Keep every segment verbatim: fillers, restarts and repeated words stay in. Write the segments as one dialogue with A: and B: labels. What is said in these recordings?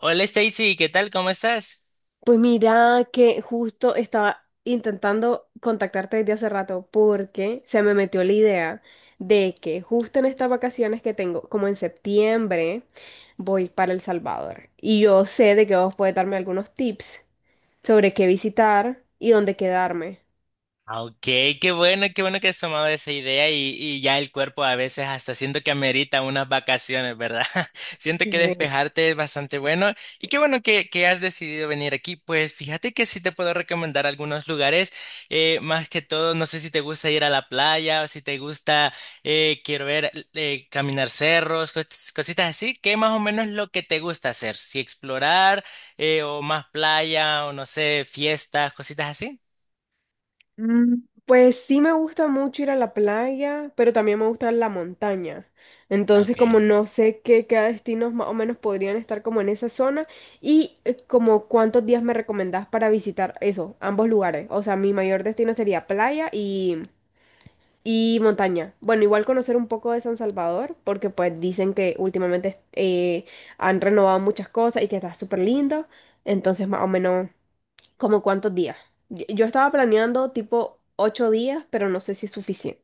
A: Hola Stacy, ¿qué tal? ¿Cómo estás?
B: Pues mira que justo estaba intentando contactarte desde hace rato porque se me metió la idea de que justo en estas vacaciones que tengo, como en septiembre, voy para El Salvador. Y yo sé de que vos podés darme algunos tips sobre qué visitar y dónde quedarme.
A: Ah, Ok, qué bueno, qué bueno que has tomado esa idea y, y ya el cuerpo a veces hasta siento que amerita unas vacaciones, ¿verdad? Siento
B: Sí,
A: que
B: sí, sí.
A: despejarte es bastante bueno y qué bueno que, que has decidido venir aquí. Pues fíjate que sí te puedo recomendar algunos lugares, eh, más que todo, no sé si te gusta ir a la playa o si te gusta, eh, quiero ver, eh, caminar cerros, cos- cositas así, que más o menos lo que te gusta hacer, si explorar, eh, o más playa o no sé, fiestas, cositas así.
B: Mm, Pues sí me gusta mucho ir a la playa, pero también me gusta la montaña. Entonces,
A: Ok.
B: como no sé qué, qué destinos más o menos podrían estar como en esa zona y eh, como cuántos días me recomendás para visitar eso, ambos lugares. O sea, mi mayor destino sería playa y, y montaña. Bueno, igual conocer un poco de San Salvador, porque pues dicen que últimamente eh, han renovado muchas cosas y que está súper lindo. Entonces, más o menos, ¿como cuántos días? Yo yo estaba planeando tipo ocho días, pero no sé si es suficiente.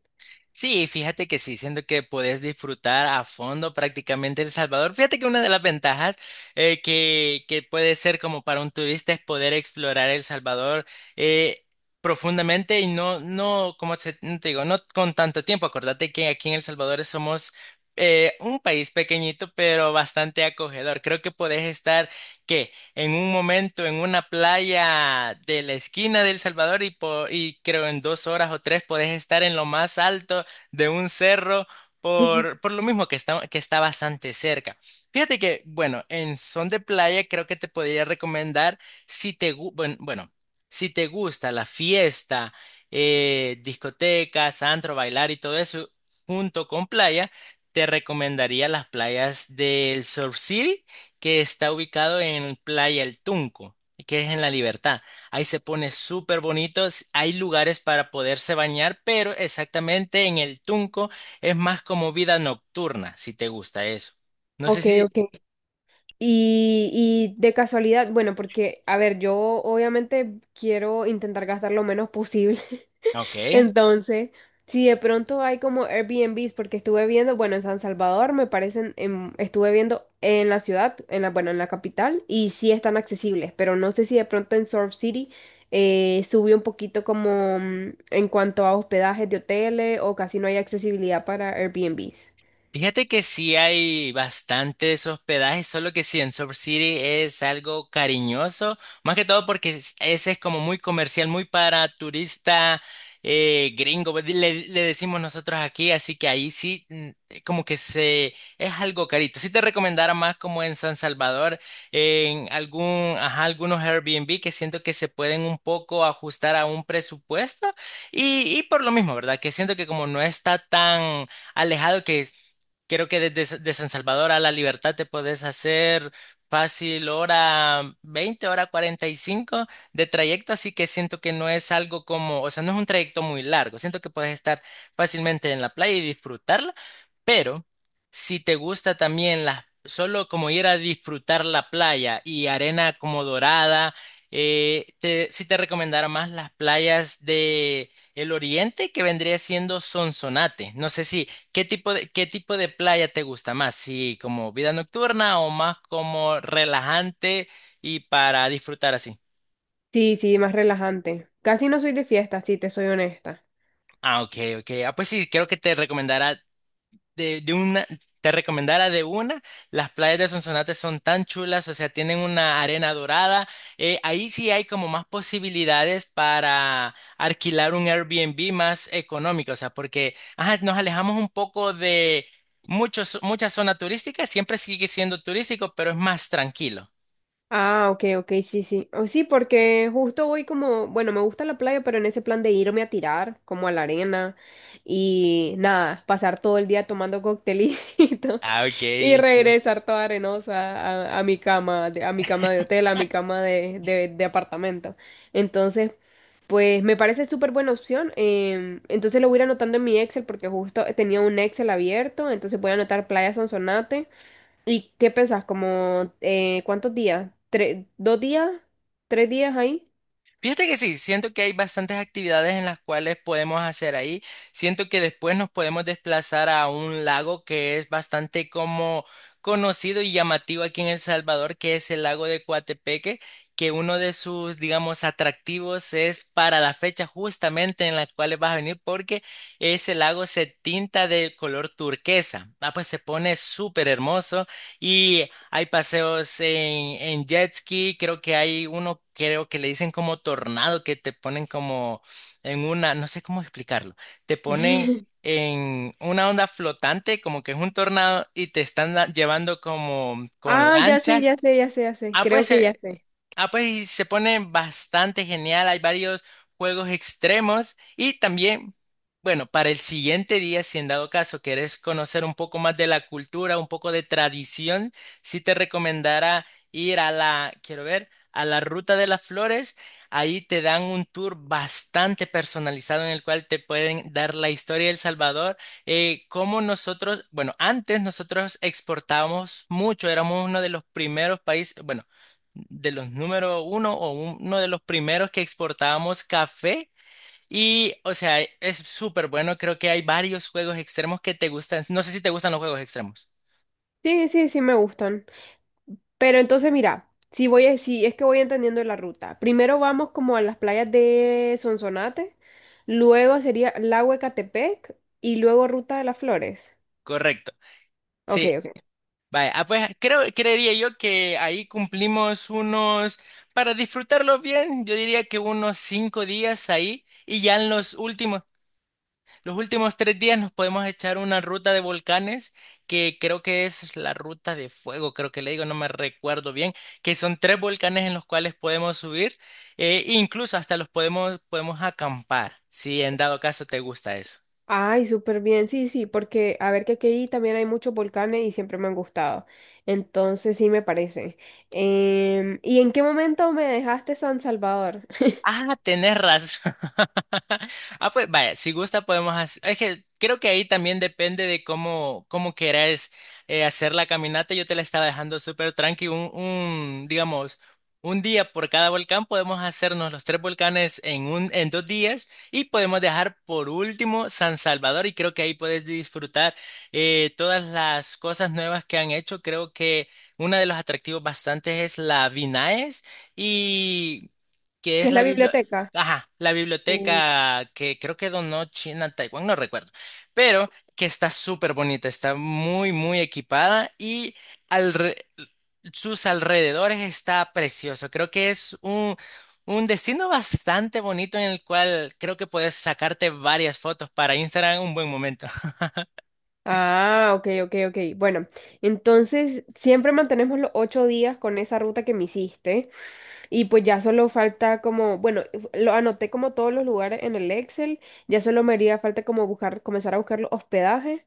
A: Sí, fíjate que sí, siento que puedes disfrutar a fondo prácticamente El Salvador. Fíjate que una de las ventajas eh, que, que puede ser como para un turista es poder explorar El Salvador eh, profundamente y no, no, como se- no te digo, no con tanto tiempo. Acordate que aquí en El Salvador somos eh, un país pequeñito, pero bastante acogedor. Creo que podés estar, ¿qué? En un momento en una playa de la esquina de El Salvador y, po- y creo en dos horas o tres podés estar en lo más alto de un cerro
B: Ujú.
A: por, por lo mismo que está, que está bastante cerca. Fíjate que, bueno, en son de playa creo que te podría recomendar si te, gu- buen- bueno, si te gusta la fiesta, eh, discotecas, antro, bailar y todo eso junto con playa, te recomendaría las playas del Surf City, que está ubicado en Playa El Tunco, que es en La Libertad. Ahí se pone súper bonito. s- Hay lugares para poderse bañar, pero exactamente en el Tunco es más como vida nocturna, si te gusta eso. No sé
B: Ok,
A: si.
B: ok. Y, y de casualidad, bueno, porque, a ver, yo obviamente quiero intentar gastar lo menos posible.
A: Ok.
B: Entonces, si de pronto hay como Airbnbs, porque estuve viendo, bueno, en San Salvador me parecen, en- estuve viendo en la ciudad, en la, bueno, en la capital, y sí están accesibles, pero no sé si de pronto en Surf City eh, subió un poquito como mm, en cuanto a hospedajes de hoteles o casi no hay accesibilidad para Airbnbs.
A: Fíjate que sí hay bastantes hospedajes, solo que sí, en Surf City es algo cariñoso, más que todo porque es- ese es como muy comercial, muy para turista eh, gringo, pues, le, le decimos nosotros aquí, así que ahí sí mm, eh, como que se es algo carito. Sí te recomendara más como en San Salvador, en algún, ajá, algunos Airbnb que siento que se pueden un poco ajustar a un presupuesto y, y por lo mismo, ¿verdad? Que siento que como no está tan alejado que es. Creo que desde de San Salvador a La Libertad te puedes hacer fácil hora veinte hora cuarenta y cinco de trayecto, así que siento que no es algo como, o sea, no es un trayecto muy largo. Siento que puedes estar fácilmente en la playa y disfrutarla, pero si te gusta también la, solo como ir a disfrutar la playa y arena como dorada, eh, te, sí te recomendara más las playas de el oriente que vendría siendo Sonsonate. No sé si. ¿Qué tipo de, qué tipo de playa te gusta más? ¿Sí, como vida nocturna o más como relajante y para disfrutar así?
B: Sí, sí, más relajante. Casi no soy de fiesta, si te soy honesta.
A: Ah, ok, ok. Ah, pues sí, creo que te recomendará de, de una, te recomendara de una, las playas de Sonsonate son tan chulas, o sea, tienen una arena dorada. Eh, ahí sí hay como más posibilidades para alquilar un Airbnb más económico, o sea, porque ajá, nos alejamos un poco de muchos, mucha zona turística, siempre sigue siendo turístico, pero es más tranquilo.
B: Ah, ok, ok, sí, sí. Oh, sí, porque justo voy como, bueno, me gusta la playa, pero en ese plan de irme a tirar, como a la arena, y nada, pasar todo el día tomando coctelito
A: Ah, ok,
B: y
A: sí.
B: regresar toda arenosa a, a mi cama, de- a mi cama de hotel, a mi cama de, de, de apartamento. Entonces, pues me parece súper buena opción. Em, entonces lo voy a ir anotando en mi Excel, porque justo tenía un Excel abierto, entonces voy a anotar Playa Sonsonate. ¿Y qué pensás? ¿Como eh, cuántos días? ¿Tres, dos días? ¿Tres días ahí?
A: Fíjate que sí, siento que hay bastantes actividades en las cuales podemos hacer ahí. Siento que después nos podemos desplazar a un lago que es bastante como conocido y llamativo aquí en El Salvador, que es el lago de Coatepeque, que uno de sus, digamos, atractivos es para la fecha justamente en la cual vas a venir, porque ese lago se tinta de color turquesa. Ah, pues se pone súper hermoso. Y hay paseos en, en jet ski, creo que hay uno, creo que le dicen como tornado, que te ponen como en una, no sé cómo explicarlo, te ponen en una onda flotante, como que es un tornado, y te están da- llevando como con
B: Ah, ya sé, ya
A: lanchas.
B: sé, ya sé, ya sé.
A: Ah,
B: Creo
A: pues
B: que ya
A: eh,
B: sé.
A: Ah, pues y se pone bastante genial. Hay varios juegos extremos y también, bueno, para el siguiente día, si en dado caso quieres conocer un poco más de la cultura, un poco de tradición, sí te recomendara ir a la, quiero ver, a la Ruta de las Flores. Ahí te dan un tour bastante personalizado en el cual te pueden dar la historia de El Salvador, eh, cómo nosotros, bueno, antes nosotros exportábamos mucho, éramos uno de los primeros países, bueno de los número uno o uno de los primeros que exportábamos café. Y, o sea, es súper bueno. Creo que hay varios juegos extremos que te gustan. No sé si te gustan los juegos extremos.
B: Sí, sí, sí me gustan. Pero entonces mira, si voy a, si es que voy entendiendo la ruta. Primero vamos como a las playas de Sonsonate, luego sería Lago Ecatepec y luego Ruta de las Flores.
A: Correcto.
B: Ok,
A: Sí.
B: ok.
A: Vaya, ah, pues creo, creería yo que ahí cumplimos unos, para disfrutarlos bien, yo diría que unos cinco días ahí y ya en los últimos. Los últimos tres días nos podemos echar una ruta de volcanes que creo que es la ruta de fuego, creo que le digo, no me recuerdo bien, que son tres volcanes en los cuales podemos subir, eh, incluso hasta los podemos, podemos acampar, si en dado caso te gusta eso.
B: Ay, súper bien, sí, sí, porque a ver que aquí también hay muchos volcanes y siempre me han gustado. Entonces sí me parece. Em, ¿y en qué momento me dejaste San Salvador?
A: Ah, tenés razón. Ah, pues vaya, si gusta podemos hacer. Es que creo que ahí también depende de cómo, cómo querés eh, hacer la caminata. Yo te la estaba dejando súper tranqui. Un, un, digamos, un día por cada volcán podemos hacernos los tres volcanes en un, en dos días y podemos dejar por último San Salvador. Y creo que ahí puedes disfrutar eh, todas las cosas nuevas que han hecho. Creo que uno de los atractivos bastantes es la Vinaes. Y que
B: ¿Qué
A: es
B: es
A: la
B: la
A: bibli-
B: biblioteca?
A: Ajá, la
B: Uh.
A: biblioteca que creo que donó China a Taiwán, no recuerdo, pero que está súper bonita, está muy, muy equipada y alre- sus alrededores está precioso. Creo que es un, un destino bastante bonito en el cual creo que puedes sacarte varias fotos para Instagram, un buen momento.
B: Ah, ok, ok, ok. Bueno, entonces siempre mantenemos los ocho días con esa ruta que me hiciste y pues ya solo falta como, bueno, lo anoté como todos los lugares en el Excel, ya solo me haría falta como buscar, comenzar a buscar los hospedajes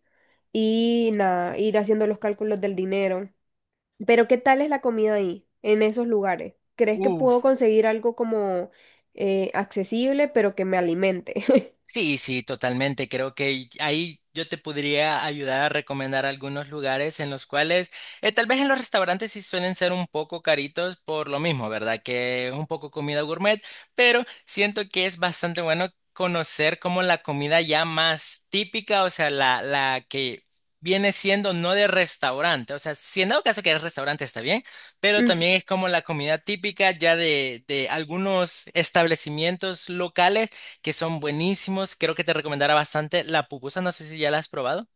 B: y nada, ir haciendo los cálculos del dinero. Pero ¿qué tal es la comida ahí, en esos lugares? ¿Crees que puedo
A: Uf.
B: conseguir algo como eh, accesible, pero que me alimente?
A: Sí, sí, totalmente. Creo que ahí yo te podría ayudar a recomendar algunos lugares en los cuales, eh, tal vez en los restaurantes sí suelen ser un poco caritos por lo mismo, ¿verdad? Que es un poco comida gourmet, pero siento que es bastante bueno conocer como la comida ya más típica, o sea, la, la que viene siendo no de restaurante, o sea, si en dado caso que es restaurante está bien, pero
B: Mm,
A: también es como la comida típica ya de, de algunos establecimientos locales que son buenísimos. Creo que te recomendará bastante la pupusa. No sé si ya la has probado.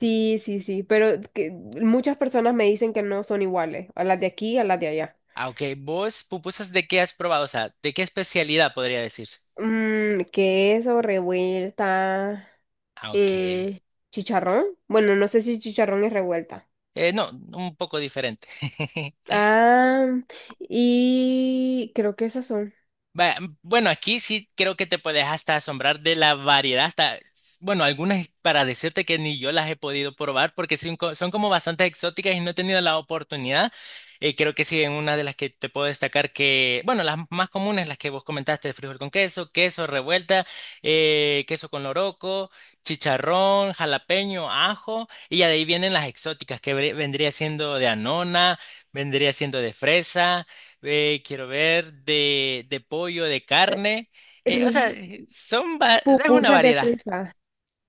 B: Sí, sí, sí, pero que muchas personas me dicen que no son iguales, a las de aquí, a las de allá.
A: Ah, ok. ¿Vos pupusas de qué has probado? O sea, ¿de qué especialidad podría decir?
B: Mm, queso, revuelta,
A: Ah, ok.
B: eh, chicharrón. Bueno, no sé si chicharrón es revuelta.
A: Eh, no, un poco diferente.
B: Ah, y creo que esas son.
A: Va- Bueno, aquí sí creo que te puedes hasta asombrar de la variedad, hasta, s- bueno, algunas para decirte que ni yo las he podido probar porque son, co- son como bastante exóticas y no he tenido la oportunidad. Eh, creo que sí, en una de las que te puedo destacar que, bueno, las más comunes, las que vos comentaste, de frijol con queso, queso revuelta, eh, queso con loroco, chicharrón, jalapeño, ajo, y ya de ahí vienen las exóticas que ve- vendría siendo de anona, vendría siendo de fresa. Eh, quiero ver de, de pollo, de
B: Eh,
A: carne. Eh, o sea,
B: r-
A: son va- es una
B: Pupusas de
A: variedad.
B: fresa.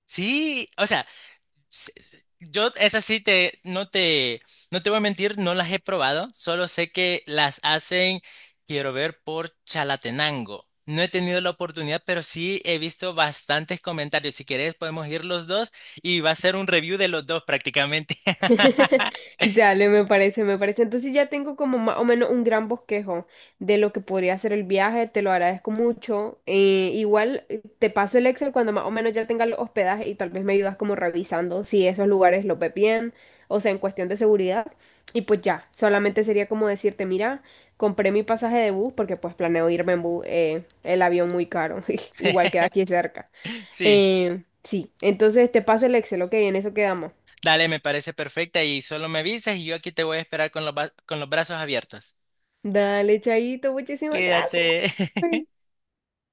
A: Sí, o sea, s- s- yo esas sí te no te no te voy a mentir, no las he probado, solo sé que las hacen, quiero ver, por Chalatenango. No he tenido la oportunidad, pero sí he visto bastantes comentarios. Si querés, podemos ir los dos y va a ser un review de los dos prácticamente.
B: Dale, me parece, me parece. Entonces ya tengo como más o menos un gran bosquejo de lo que podría ser el viaje, te lo agradezco mucho. Eh, igual eh, te paso el Excel cuando más o menos ya tenga los hospedajes y tal vez me ayudas como revisando si esos lugares los ve bien, o sea, en cuestión de seguridad. Y pues ya, solamente sería como decirte, mira, compré mi pasaje de bus porque pues planeo irme en bus, eh, el avión muy caro, igual queda aquí cerca.
A: Sí.
B: Eh, sí, entonces te paso el Excel, ok, en eso quedamos.
A: Dale, me parece perfecta y solo me avisas y yo aquí te voy a esperar con los, ba- con los brazos abiertos.
B: Dale, Chaito, muchísimas gracias.
A: Cuídate.